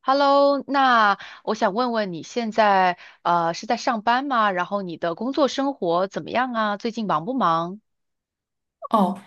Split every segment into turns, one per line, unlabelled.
Hello,那我想问问你现在是在上班吗？然后你的工作生活怎么样啊？最近忙不忙？
哦，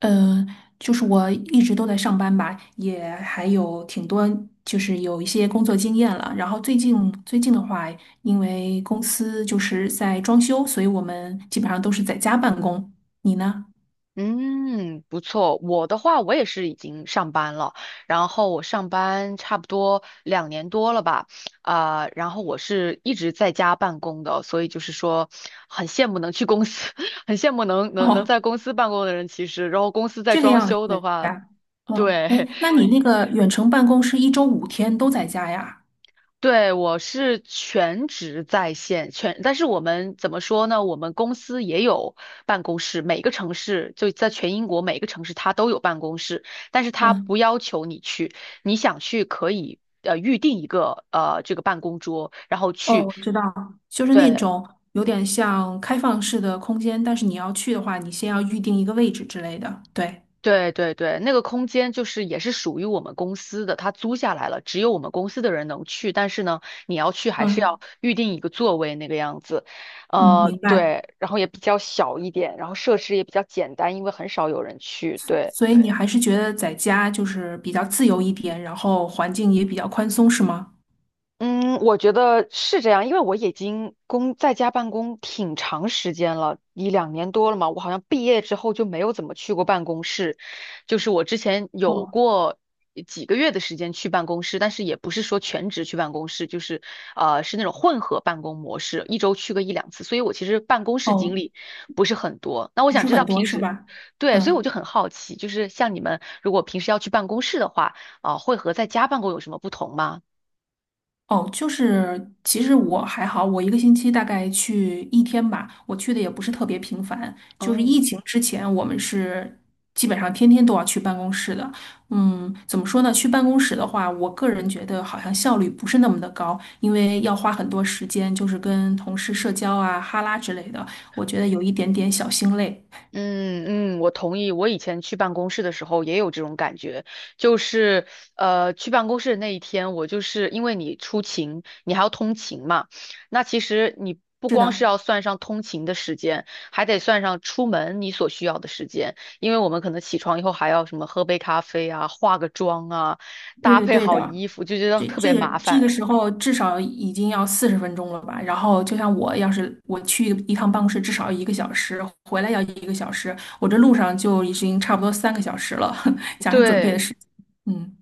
呃，就是我一直都在上班吧，也还有挺多，就是有一些工作经验了。然后最近的话，因为公司就是在装修，所以我们基本上都是在家办公。你呢？
嗯，不错。我的话，我也是已经上班了，然后我上班差不多两年多了吧，啊、然后我是一直在家办公的，所以就是说很羡慕能去公司，很羡慕能
哦，
在公司办公的人。其实，然后公司在
这个
装
样
修的
子
话，
呀。哦，
对
哎，那你那个远程办公是一周5天都在家呀？
对，我是全职在线，全，但是我们怎么说呢？我们公司也有办公室，每个城市就在全英国每个城市它都有办公室，但是它不
嗯，
要求你去，你想去可以预定一个这个办公桌，然后
哦，
去。
我知道，就是那
对，
种有点像开放式的空间，但是你要去的话，你先要预定一个位置之类的。对。
对，那个空间就是也是属于我们公司的，它租下来了，只有我们公司的人能去。但是呢，你要去还是要
嗯。
预定一个座位那个样子，
嗯，明白。
对，然后也比较小一点，然后设施也比较简单，因为很少有人去。
所
对。
所以你对还是觉得在家就是比较自由一点，然后环境也比较宽松，是吗？
嗯，我觉得是这样，因为我已经工在家办公挺长时间了，一两年多了嘛。我好像毕业之后就没有怎么去过办公室，就是我之前有
哦
过几个月的时间去办公室，但是也不是说全职去办公室，就是是那种混合办公模式，一周去个一两次。所以我其实办公室经
哦，
历不是很多。那我
不
想
是
知道
很多，
平
是
时，
吧？
对，所以我
嗯。
就很好奇，就是像你们如果平时要去办公室的话，啊、会和在家办公有什么不同吗？
哦，就是其实我还好，我一个星期大概去一天吧，我去的也不是特别频繁。就是
嗯。
疫情之前，我们是基本上天天都要去办公室的。嗯，怎么说呢？去办公室的话，我个人觉得好像效率不是那么的高，因为要花很多时间，就是跟同事社交啊、哈拉之类的，我觉得有一点点小心累。
嗯嗯，我同意。我以前去办公室的时候也有这种感觉，就是去办公室的那一天，我就是因为你出勤，你还要通勤嘛，那其实你不
是
光是
的，
要算上通勤的时间，还得算上出门你所需要的时间，因为我们可能起床以后还要什么喝杯咖啡啊，化个妆啊，
对
搭
的，
配
对
好
的。
衣服，就觉得
这
特别
这个
麻
这个
烦。
时候至少已经要40分钟了吧？然后就像我要是我去一趟办公室，至少要一个小时，回来要一个小时，我这路上就已经差不多3个小时了，加上准备的
对。
时间，嗯，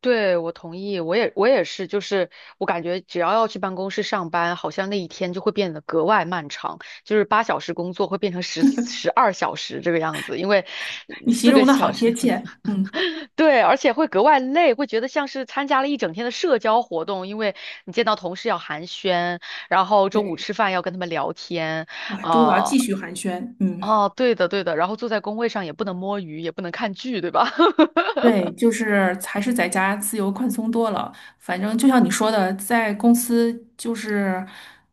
对，我同意，我也是，就是我感觉只要要去办公室上班，好像那一天就会变得格外漫长，就是八小时工作会变成十二小时这个样子，因为
你形
四个
容的好
小
贴
时，
切。嗯，
对，而且会格外累，会觉得像是参加了一整天的社交活动，因为你见到同事要寒暄，然后中午
对，
吃饭要跟他们聊天，
哇，中午要
啊、
继续寒暄。嗯。
哦，对的，然后坐在工位上也不能摸鱼，也不能看剧，对吧？
对，就是还是在家自由宽松多了。反正就像你说的，在公司就是，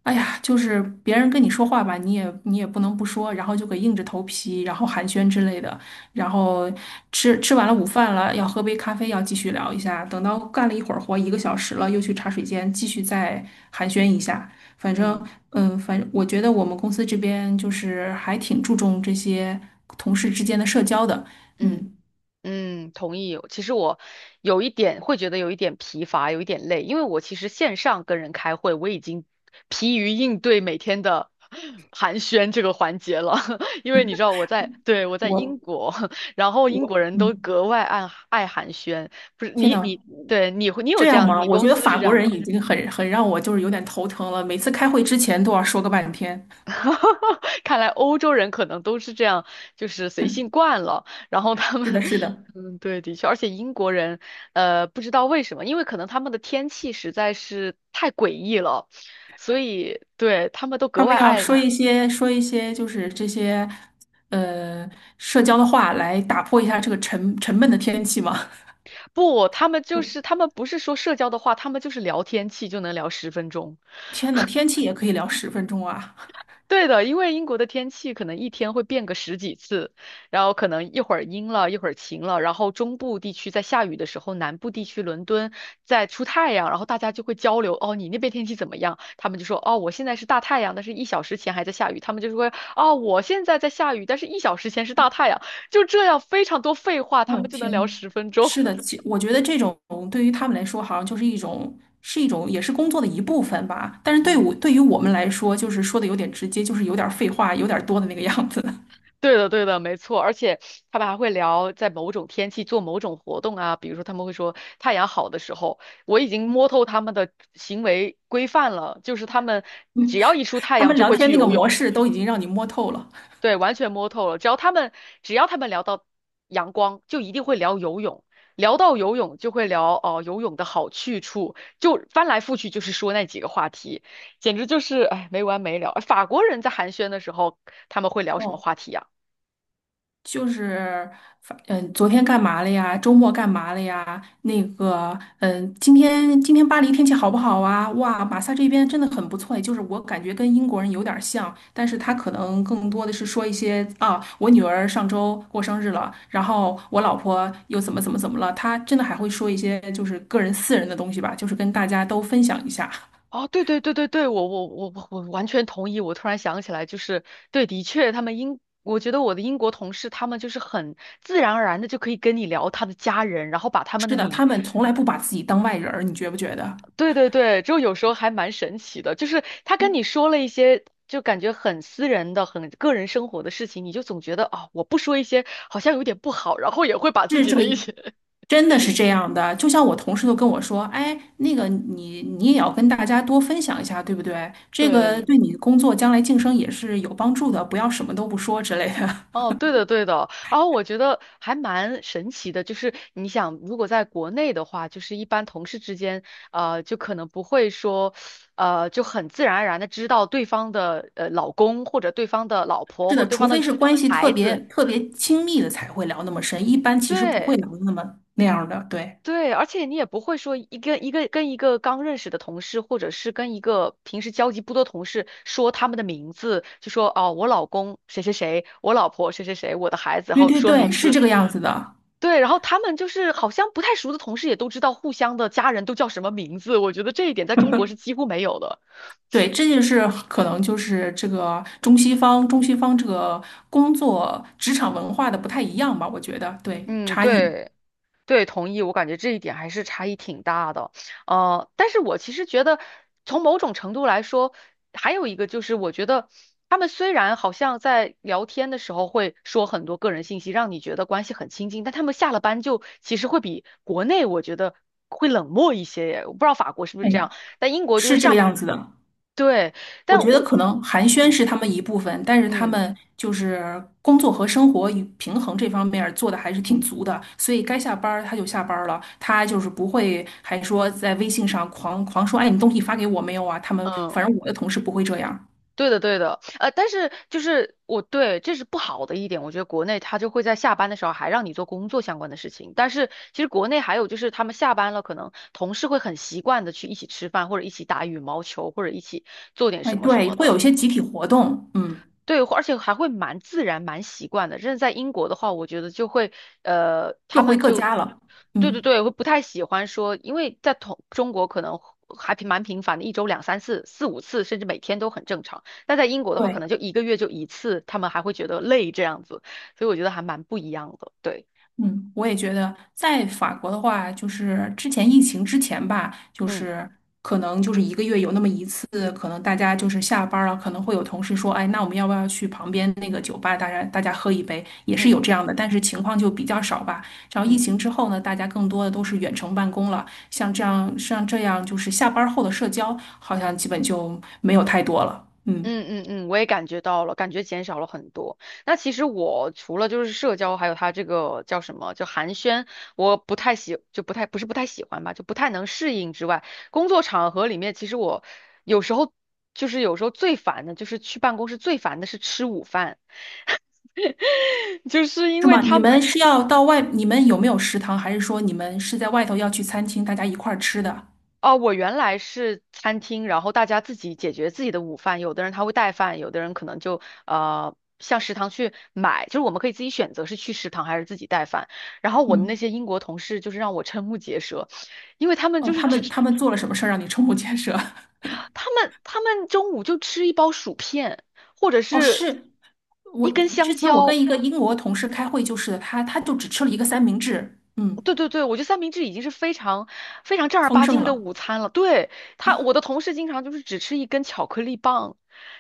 哎呀，就是别人跟你说话吧，你也不能不说，然后就给硬着头皮，然后寒暄之类的。然后吃完了午饭了，要喝杯咖啡，要继续聊一下。等到干了一会儿活，一个小时了，又去茶水间继续再寒暄一下。反 正，
嗯
嗯，反正我觉得我们公司这边就是还挺注重这些同事之间的社交的，
嗯。
嗯。
嗯，同意。其实我有一点会觉得有一点疲乏，有一点累，因为我其实线上跟人开会，我已经疲于应对每天的 寒暄这个环节了。因为你知道我在，对，我在
我
英国，然后英国
我
人都
嗯，
格外爱寒暄。不是
天
你
呐，
你对你有
这
这
样
样，
吗？
你
我
公
觉得
司
法
是这
国
样
人
吗？
已经很让我就是有点头疼了，每次开会之前都要说个半天。
看来欧洲人可能都是这样，就是随性惯了。然后他们，
是的，是 的，
嗯，对，的确，而且英国人，不知道为什么，因为可能他们的天气实在是太诡异了，所以对他们都
他
格
们
外
要
爱。
说一些就是这些呃社交的话来打破一下这个沉闷的天气嘛。
不，他们就是他们不是说社交的话，他们就是聊天气就能聊十分钟。
天呐，天气也可以聊十分钟啊！
对的，因为英国的天气可能一天会变个十几次，然后可能一会儿阴了，一会儿晴了，然后中部地区在下雨的时候，南部地区伦敦在出太阳，然后大家就会交流，哦，你那边天气怎么样？他们就说，哦，我现在是大太阳，但是一小时前还在下雨。他们就说，哦，我现在在下雨，但是一小时前是大太阳。就这样，非常多废话，他们
嗯，
就能聊
天，
十分钟。
是 的，其我觉得这种对于他们来说，好像就是一种，也是工作的一部分吧。但是对我，
嗯，
对于我们来说，就是说的有点直接，就是有点废话，有点多的那个样子。
对的，对的，没错。而且他们还会聊，在某种天气做某种活动啊，比如说他们会说太阳好的时候，我已经摸透他们的行为规范了，就是他们只要一出太
他
阳
们
就
聊
会
天
去
那个
游
模
泳，
式都已经让你摸透了。
对，完全摸透了。只要他们聊到阳光，就一定会聊游泳，聊到游泳就会聊哦、游泳的好去处，就翻来覆去就是说那几个话题，简直就是哎没完没了。法国人在寒暄的时候，他们会聊什么
哦，
话题呀？
就是昨天干嘛了呀？周末干嘛了呀？那个，嗯，今天巴黎天气好不好啊？哇，马萨这边真的很不错，就是我感觉跟英国人有点儿像，但是他可能更多的是说一些啊，我女儿上周过生日了，然后我老婆又怎么怎么怎么了，他真的还会说一些就是个人私人的东西吧，就是跟大家都分享一下。
哦，对，我完全同意。我突然想起来，就是对，的确，他们英，我觉得我的英国同事，他们就是很自然而然的就可以跟你聊他的家人，然后把他们的
是的，
名，
他们从来不把自己当外人儿，你觉不觉得？
对，就有时候还蛮神奇的，就是他跟你说了一些就感觉很私人的、很个人生活的事情，你就总觉得啊、我不说一些好像有点不好，然后也会把自
是
己
这
的
个，
一些
真的是这样的。就像我同事都跟我说，哎，那个你也要跟大家多分享一下，对不对？这个
对。
对你工作将来晋升也是有帮助的，不要什么都不说之类的。
哦，对的，对的。然后我觉得还蛮神奇的，就是你想，如果在国内的话，就是一般同事之间，就可能不会说，就很自然而然的知道对方的老公或者对方的老 婆
是
或者
的，
对
除
方
非
的
是关系特
孩
别
子。
特别亲密的才会聊那么深，一般其实不会
对
聊那么那样儿的。对，
对，而且你也不会说一个跟一个刚认识的同事，或者是跟一个平时交集不多同事说他们的名字，就说哦，我老公谁谁谁，我老婆谁谁谁，我的孩子，然
对
后
对
说
对，
名
是
字。
这个样子的。
对，然后他们就是好像不太熟的同事也都知道互相的家人都叫什么名字，我觉得这一点在中国是几乎没有的。
对，这就是可能就是这个中西方这个工作职场文化的不太一样吧，我觉得对
嗯，
差异。
对，对，同意，我感觉这一点还是差异挺大的。呃，但是我其实觉得，从某种程度来说，还有一个就是，我觉得他们虽然好像在聊天的时候会说很多个人信息，让你觉得关系很亲近，但他们下了班就其实会比国内我觉得会冷漠一些耶。我不知道法国是不是
哎，
这样，但英国就是
是这个
上，
样子的。
对，
我
但
觉得
我，
可能寒暄
嗯
是他们一部分，但是他
嗯。
们就是工作和生活与平衡这方面儿做的还是挺足的，所以该下班儿他就下班儿了，他就是不会还说在微信上狂说，哎，你东西发给我没有啊？他们
嗯，
反正我的同事不会这样。
对的，对的，但是就是我对这是不好的一点，我觉得国内他就会在下班的时候还让你做工作相关的事情，但是其实国内还有就是他们下班了，可能同事会很习惯的去一起吃饭，或者一起打羽毛球，或者一起做点
哎，
什么什
对，
么
会有一
的，
些集体活动，嗯，
对，而且还会蛮自然、蛮习惯的。真的在英国的话，我觉得就会，他
各回
们
各
就，
家了，
对对
嗯。
对，会不太喜欢说，因为在同中国可能还挺蛮频繁的，一周两三次、四五次，甚至每天都很正常。但在英国的话，可
对。
能就一个月就一次，他们还会觉得累这样子，所以我觉得还蛮不一样的。对，
嗯，我也觉得，在法国的话，就是之前疫情之前吧，就
嗯
是可能就是一个月有那么一次，可能大家就是下班儿了，可能会有同事说，哎，那我们要不要去旁边那个酒吧，大家喝一杯，也是有
嗯
这样的，但是情况就比较少吧。然后疫
嗯。
情之后呢，大家更多的都是远程办公了，像这样就是下班儿后的社交，好像基本就没有太多了。嗯，
嗯嗯嗯，我也感觉到了，感觉减少了很多。那其实我除了就是社交，还有他这个叫什么，就寒暄，我不太喜，就不太，不是不太喜欢吧，就不太能适应之外，工作场合里面，其实我有时候就是有时候最烦的就是去办公室最烦的是吃午饭。就是因
是
为
吗？你
他
们是要到外，你们有没有食堂，还是说你们是在外头要去餐厅，大家一块儿吃的？
哦，我原来是餐厅，然后大家自己解决自己的午饭，有的人他会带饭，有的人可能就向食堂去买，就是我们可以自己选择是去食堂还是自己带饭。然后我的那
嗯，
些英国同事就是让我瞠目结舌，因为他们就
哦，
是
他
只
们
吃
他们做了什么事儿让你瞠目结舌？
他们中午就吃一包薯片，或者
哦，
是
是我
一根香
之前我跟
蕉，
一个英国同事开会就是的他就只吃了一个三明治，嗯，
对，我觉得三明治已经是非常非常正儿
丰
八
盛
经的
了。
午餐了。对，他，我的
哦，
同事经常就是只吃一根巧克力棒，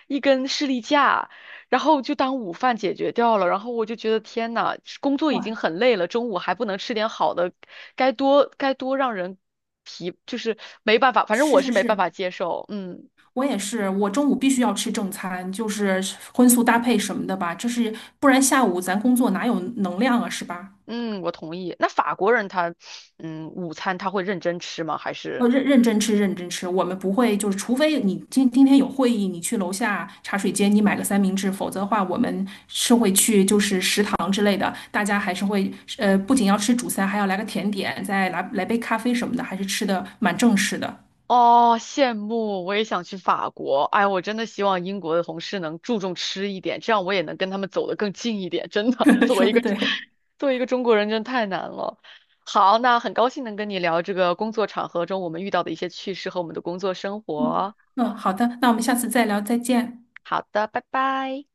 一根士力架，然后就当午饭解决掉了。然后我就觉得天呐，工作已经
哇，
很累了，中午还不能吃点好的，该多让人疲，就是没办法，反正
是
我是
是
没办
是，
法接受。嗯
我也是，我中午必须要吃正餐，就是荤素搭配什么的吧，这是不然下午咱工作哪有能量啊，是吧？
嗯，我同意。那法国人他，嗯，午餐他会认真吃吗？还是？
认真吃。我们不会，就是除非你今天有会议，你去楼下茶水间，你买个三明治，否则的话，我们是会去就是食堂之类的。大家还是会，不仅要吃主餐，还要来个甜点，再来杯咖啡什么的，还是吃的蛮正式的。
哦，羡慕，我也想去法国。哎，我真的希望英国的同事能注重吃一点，这样我也能跟他们走得更近一点。真的，
说的对，
作为一个中国人，真的太难了。好，那很高兴能跟你聊这个工作场合中我们遇到的一些趣事和我们的工作生
嗯
活。
好的，那我们下次再聊，再见。
好的，拜拜。